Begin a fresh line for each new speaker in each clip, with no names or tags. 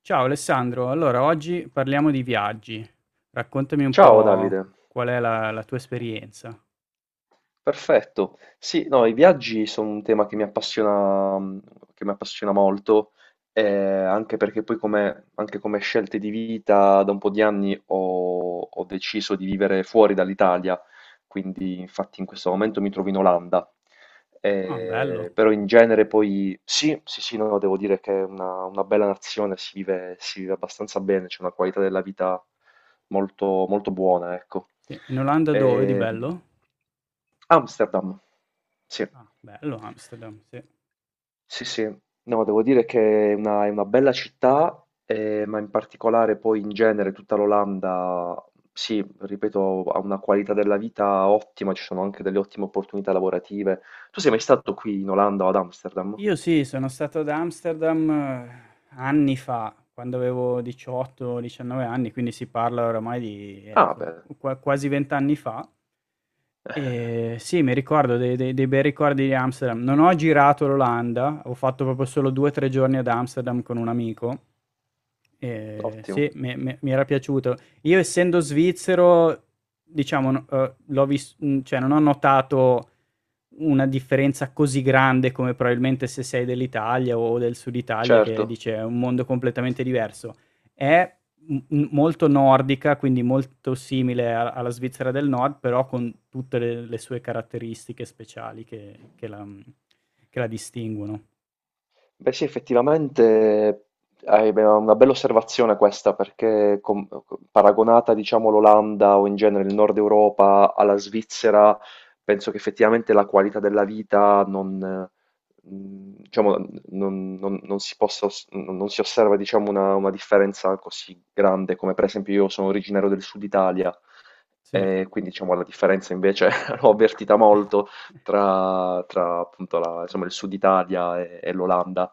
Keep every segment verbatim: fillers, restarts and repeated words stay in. Ciao Alessandro, allora oggi parliamo di viaggi. Raccontami un
Ciao
po'
Davide,
qual è la, la tua esperienza.
perfetto. Sì, no, i viaggi sono un tema che mi appassiona, mm, che mi appassiona molto, eh, anche perché poi come, anche come scelte di vita da un po' di anni ho ho deciso di vivere fuori dall'Italia, quindi infatti in questo momento mi trovo in Olanda.
Ah, bello.
Eh, però in genere poi sì, sì, sì, no, devo dire che è una, una bella nazione, si vive, si vive abbastanza bene, c'è una qualità della vita molto, molto buona, ecco.
Sì, in Olanda dove di
Ehm,
bello?
Amsterdam, sì.
Ah, bello Amsterdam, sì.
Sì, sì, no, devo dire che è una, è una bella città, eh, ma in particolare poi in genere tutta l'Olanda, sì, ripeto, ha una qualità della vita ottima, ci sono anche delle ottime opportunità lavorative. Tu sei mai stato qui in Olanda o ad Amsterdam?
Io sì, sono stato ad Amsterdam, eh, anni fa, quando avevo diciotto, diciannove anni, quindi si parla oramai di, eh,
Ah,
son
beh,
qua quasi venti anni fa. Ehm, sì, mi ricordo, dei dei dei bei ricordi di Amsterdam. Non ho girato l'Olanda, ho fatto proprio solo due, tre giorni ad Amsterdam con un amico. Ehm, sì,
ottimo,
mi mi mi era piaciuto. Io, essendo svizzero, diciamo, no, uhm, l'ho vis mhmm, cioè non ho notato una differenza così grande come probabilmente se sei dell'Italia o del Sud Italia, che
certo.
dice è un mondo completamente diverso. È m- molto nordica, quindi molto simile a- alla Svizzera del Nord, però con tutte le, le sue caratteristiche speciali che, che la, che la distinguono.
Beh sì, effettivamente hai be- una bella osservazione questa, perché com- paragonata, diciamo, l'Olanda o in genere il Nord Europa alla Svizzera, penso che effettivamente la qualità della vita non, eh, mh, diciamo, non- non- non si possa, os- non non si osserva, diciamo, una, una differenza così grande, come per esempio io sono originario del Sud Italia,
Sì. Eh,
e quindi, diciamo, la differenza invece l'ho avvertita molto tra, tra, appunto la- insomma, il sud Italia e, e l'Olanda.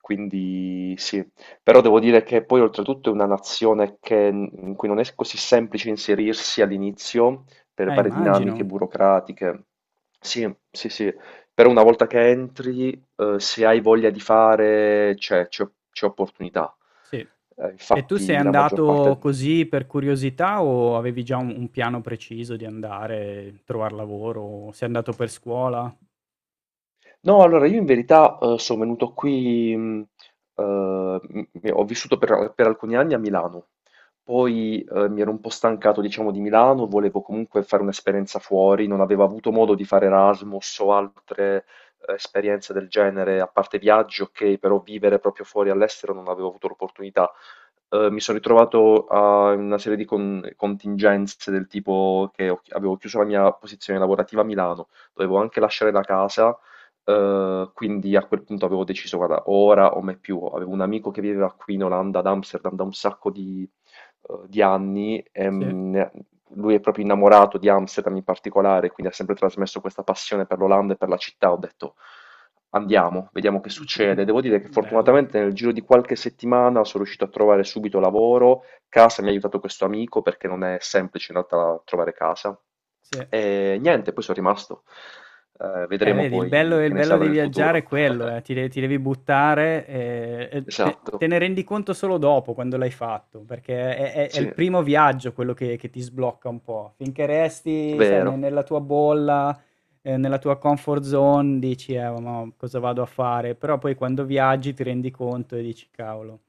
Quindi sì, però devo dire che poi oltretutto è una nazione che- in cui non è così semplice inserirsi all'inizio per
eh,
varie dinamiche
immagino.
burocratiche. Sì, sì, sì, però una volta che entri, eh, se hai voglia di fare, c'è c'è- c'è opportunità.
Sì.
Eh,
E tu sei
infatti la maggior
andato
parte...
così per curiosità o avevi già un, un piano preciso di andare, trovare lavoro? Sei andato per scuola?
No, allora io in verità eh, sono venuto qui, mh, eh, m- m- ho vissuto per, per alcuni anni a Milano, poi eh, mi ero un po' stancato, diciamo, di Milano, volevo comunque fare un'esperienza fuori, non avevo avuto modo di fare Erasmus o altre eh, esperienze del genere, a parte viaggi, ok, però vivere proprio fuori all'estero non avevo avuto l'opportunità. Eh, mi sono ritrovato a una serie di con- contingenze del tipo che ho- avevo chiuso la mia posizione lavorativa a Milano, dovevo anche lasciare la casa. Ehm, quindi a quel punto avevo deciso, guarda, ora o mai più. Avevo un amico che viveva qui in Olanda, ad Amsterdam, da un sacco di, eh, di anni. E,
Sì.
mm, ne- lui è proprio innamorato di Amsterdam in particolare, quindi ha sempre trasmesso questa passione per l'Olanda e per la città. Ho detto, andiamo, vediamo che succede.
Mh-mh-mh.
Devo dire che
Bello,
fortunatamente nel giro di qualche settimana sono riuscito a trovare subito lavoro. Casa mi ha aiutato questo amico perché non è semplice in realtà trovare casa.
sì.
E niente, poi sono rimasto. Eh,
Eh,
vedremo
vedi, il bello
poi
il
che ne
bello
sarà
di
del
viaggiare è
futuro.
quello, eh, ti de ti devi buttare, ehm, e te
Esatto,
te ne rendi conto solo dopo, quando l'hai fatto, perché è è è il
sì,
primo viaggio quello che che ti sblocca un po'. Finché resti, sai, ne
vero.
nella tua bolla, ehm, nella tua comfort zone, dici: "Eh, ma cosa vado a fare?" Però poi quando viaggi ti rendi conto e dici: "Cavolo."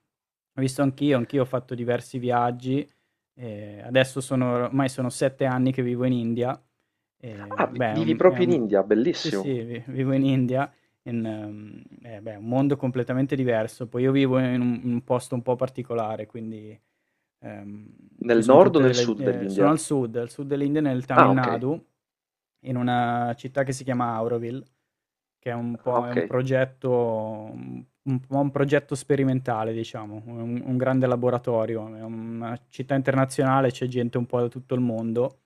Ho visto anch'io, anch'io ho fatto diversi viaggi. Ehm, adesso, sono ormai sono sette anni che vivo in India.
Ah,
Ehm,
vi-
beh, è
vivi
un è
proprio in
un
India,
sì,
bellissimo.
sì, vi vivo in India. In mhmm, eh beh, è un mondo completamente diverso. Poi io vivo in un in un posto un po' particolare, quindi Ehm, ci
Nel
son
nord
tutte
o nel
delle
sud
ehm, sono
dell'India?
al sud, al sud dell'India, nel
Ah,
Tamil
ok.
Nadu, in una città che si chiama Auroville, che è un
Ah,
po' è
ok.
un progetto un un po' un progetto sperimentale, diciamo, un un grande laboratorio. È una città internazionale, c'è gente un po' da tutto il mondo,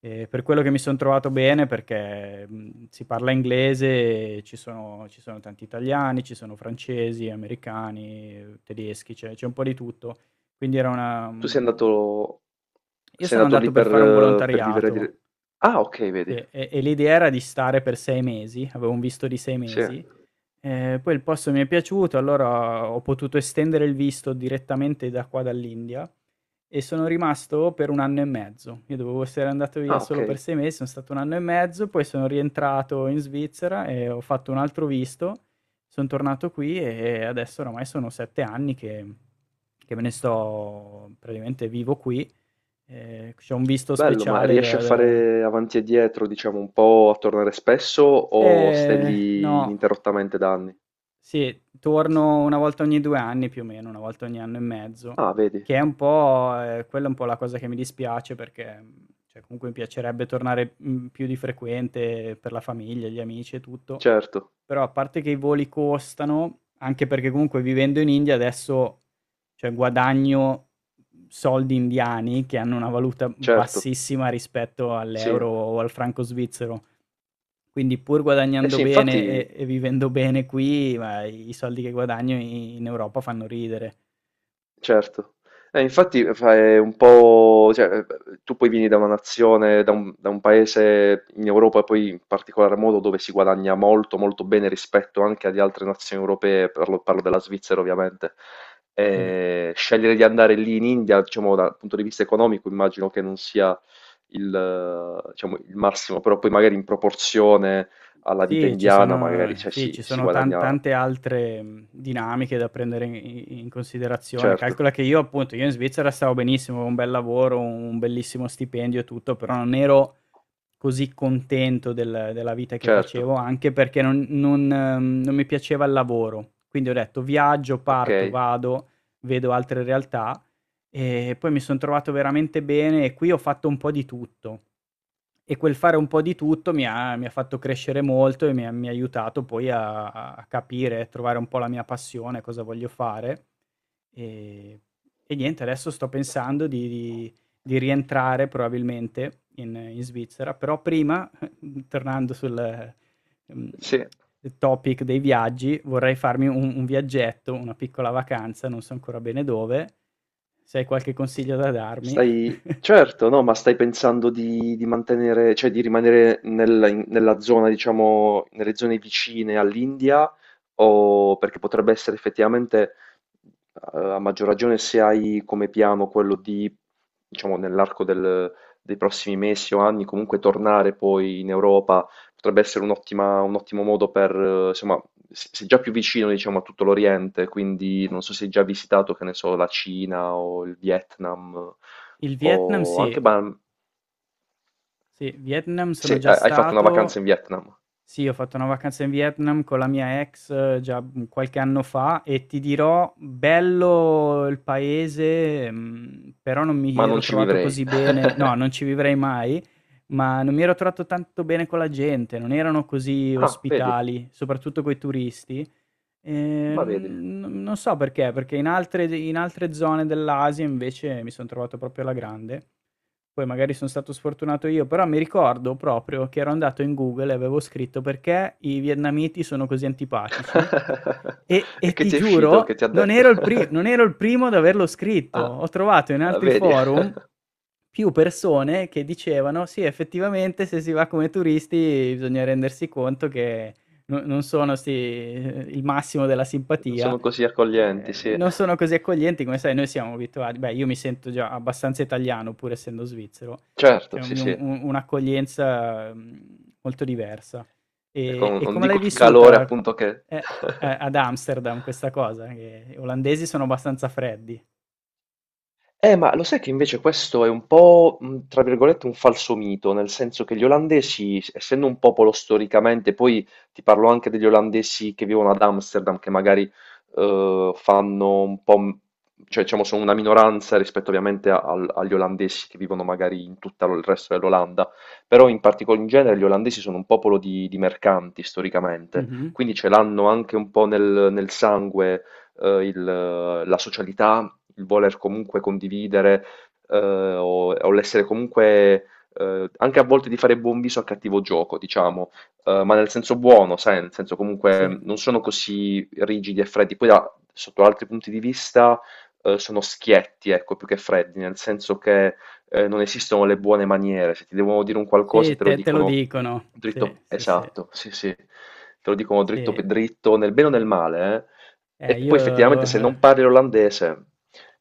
e per quello che mi son trovato bene, perché mhmm, si parla inglese, e ci sono ci sono tanti italiani, ci sono francesi, americani, tedeschi, c'è c'è un po' di tutto. Quindi era una
Tu sei
mhmm,
andato,
io
sei
sono
andato
andato
lì
per
per,
fare un
eh, per vivere
volontariato.
dire- Ah, ok,
Sì,
vedi.
e e l'idea era di stare per sei mesi, avevo un visto di sei
Sì.
mesi. Ehm, poi il posto mi è piaciuto, allora ho potuto estendere il visto direttamente da qua dall'India, e sono rimasto per un anno e mezzo. Io dovevo essere andato via
Ah, ok.
solo per sei mesi, sono stato un anno e mezzo, poi sono rientrato in Svizzera e ho fatto un altro visto, son tornato qui, e adesso oramai sono sette anni che che me ne sto praticamente, vivo qui. Ehm, c'ho un visto
Bello, ma
speciale
riesci a
da da
fare avanti e dietro, diciamo, un po' a tornare spesso o stai
Eh,
lì
no.
ininterrottamente da anni?
Sì, torno una volta ogni due anni più o meno, una volta ogni anno e mezzo,
Ah, vedi.
che è un po'... ehm, quella è un po' la cosa che mi dispiace, perché mhmm, cioè comunque mi piacerebbe tornare mhmm, più di frequente, per la famiglia, gli amici e tutto.
Certo,
Però, a parte che i voli costano, anche perché comunque, vivendo in India adesso, cioè guadagno soldi indiani, che hanno una valuta
certo.
bassissima rispetto
Sì.
all'euro o al franco svizzero. Quindi, pur
Eh
guadagnando
sì,
bene
infatti...
e e vivendo bene qui, ma i soldi che guadagno in in Europa fanno ridere.
Certo. Eh, infatti fa- è un po', cioè, eh, tu poi vieni da una nazione, da un, da un paese in Europa, poi in particolar modo dove si guadagna molto, molto bene rispetto anche ad altre nazioni europee, parlo, parlo della Svizzera ovviamente.
Sì.
Eh, scegliere di andare lì in India, diciamo, dal punto di vista economico, immagino che non sia il, eh, diciamo, il massimo, però poi magari in proporzione alla vita
Sì, ci
indiana, magari,
sono,
cioè,
sì,
si,
ci
si
sono tan
guadagna,
tante altre mhmm, dinamiche da prendere in i in considerazione.
certo,
Calcola che io appunto io in Svizzera stavo benissimo, avevo un bel lavoro, un bellissimo stipendio e tutto, però non ero così contento del della vita che facevo,
certo,
anche perché non non ehm, non mi piaceva il lavoro. Quindi ho detto: "Viaggio,
ok.
parto, vado, vedo altre realtà", e poi mi son trovato veramente bene, e qui ho fatto un po' di tutto. E quel fare un po' di tutto mi ha mi ha fatto crescere molto, e mi ha mi ha aiutato poi a a capire e trovare un po' la mia passione, cosa voglio fare. Ehm, e niente, adesso sto pensando di di di rientrare probabilmente in in Svizzera, però prima, tornando sul mhmm,
Sì.
topic dei viaggi, vorrei farmi un un viaggetto, una piccola vacanza, non so ancora bene dove. Se hai qualche consiglio da darmi.
Stai certo, no, ma stai pensando di di mantenere cioè di rimanere nel in nella zona, diciamo nelle zone vicine all'India, o perché potrebbe essere effettivamente, uhm, a maggior ragione se hai come piano quello di diciamo nell'arco del dei prossimi mesi o anni comunque tornare poi in Europa. Potrebbe essere un'ottima un ottimo modo per eh, insomma, s sei già più vicino diciamo a tutto l'Oriente, quindi non so se hai già visitato, che ne so, la Cina o il Vietnam
Il Vietnam,
o anche
sì.
ban
Sì, Vietnam
se
sono già
ha hai fatto una
stato.
vacanza in Vietnam,
Sì, ho fatto una vacanza in Vietnam con la mia ex, eh, già, mhmm, qualche anno fa, e ti dirò, bello il paese, mhmm, però non mi
ma non
ero
ci
trovato
vivrei.
così bene, no, non ci vivrei mai, ma non mi ero trovato tanto bene con la gente, non erano così
Ah, vedi,
ospitali, soprattutto coi turisti. Ehm,
ma vedi.
non non non so perché. Perché in altre in altre zone dell'Asia invece mi son trovato proprio alla grande. Poi magari son stato sfortunato io, però mi ricordo proprio che ero andato in Google e avevo scritto: "Perché i vietnamiti sono così antipatici?" E
E
e
che
ti
ti è uscito? Che
giuro,
ti ha
non
detto?
ero il pri non ero il primo ad averlo scritto.
Ah,
Ho trovato in altri
vedi,
forum più persone che dicevano: "Sì, effettivamente se si va come turisti bisogna rendersi conto che no, non sono, sì, il massimo della simpatia,
sono così accoglienti,
ehm,
sì.
non sono così accoglienti come, sai, noi siamo abituati." Beh, io mi sento già abbastanza italiano pur essendo svizzero,
Certo,
c'è
sì,
un-
sì.
un- un'accoglienza mhmm, molto diversa.
Ecco,
E
non
e
non
come l'hai
dico il calore
vissuta,
appunto che
eh, a ad Amsterdam, questa cosa? Che gli olandesi sono abbastanza freddi.
Eh, ma lo sai che invece questo è un po', mh, tra virgolette, un falso mito, nel senso che gli olandesi, s- essendo un popolo storicamente, poi ti parlo anche degli olandesi che vivono ad Amsterdam, che magari eh, fanno un po', m- cioè diciamo sono una minoranza rispetto ovviamente a- al- agli olandesi che vivono magari in tutto il resto dell'Olanda, però in particolare in genere gli olandesi sono un popolo di, di mercanti storicamente,
Mh-mh.
quindi ce l'hanno anche un po' nel, nel sangue eh, il- la socialità, il voler comunque condividere, eh, o, o l'essere comunque, eh, anche a volte di fare buon viso al cattivo gioco, diciamo, eh, ma nel senso buono, sai, nel senso comunque
Sì,
non sono così rigidi e freddi. Poi da- sotto altri punti di vista eh, sono schietti, ecco, più che freddi, nel senso che eh, non esistono le buone maniere. Se ti devono dire un qualcosa,
sì,
te lo
te te lo
dicono
dicono. Sì,
dritto,
sì, sì,
esatto, sì, sì, te lo dicono dritto
sì.
per dritto, nel bene o nel male, eh.
Eh,
E poi
io lo
effettivamente se non parli l'olandese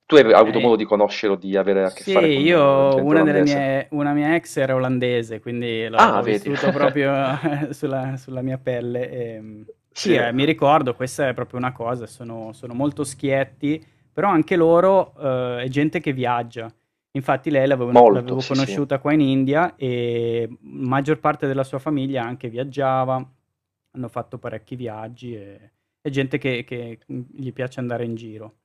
tu hai hai avuto modo
eh
di conoscere o di avere a che
Sì,
fare con eh,
io
gente
una delle
olandese?
mie una mia ex era olandese, quindi l'ho l'ho
Ah, vedi.
vissuto proprio sulla sulla mia pelle. Ehm, sì,
Sì,
eh, mi ricordo, questa è proprio una cosa, sono sono molto schietti, però anche loro, ehm, è gente che viaggia. Infatti lei l'avevano
molto,
l'avevo
sì, sì.
conosciuta qua in India, e maggior parte della sua famiglia anche viaggiava, hanno fatto parecchi viaggi, e è gente che che, mhmm, gli piace andare in giro.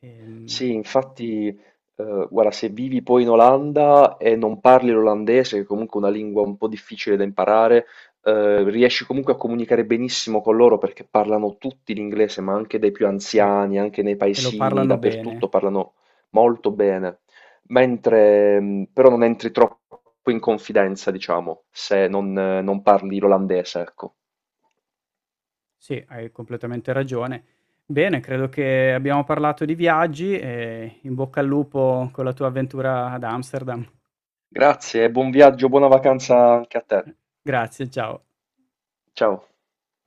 Ehm
Sì, infatti, eh, guarda, se vivi poi in Olanda e non parli l'olandese, che è comunque una lingua un po' difficile da imparare, eh, riesci comunque a comunicare benissimo con loro perché parlano tutti l'inglese, ma anche dai più
Sì,
anziani, anche nei
te lo
paesini,
parlano
dappertutto
bene.
parlano molto bene. Mentre, mh, però non entri troppo in confidenza, diciamo, se non, eh, non parli l'olandese, ecco.
Sì, hai completamente ragione. Bene, credo che abbiamo parlato di viaggi, e in bocca al lupo con la tua avventura ad Amsterdam.
Grazie, buon viaggio, buona vacanza anche a te.
Grazie, ciao.
Ciao.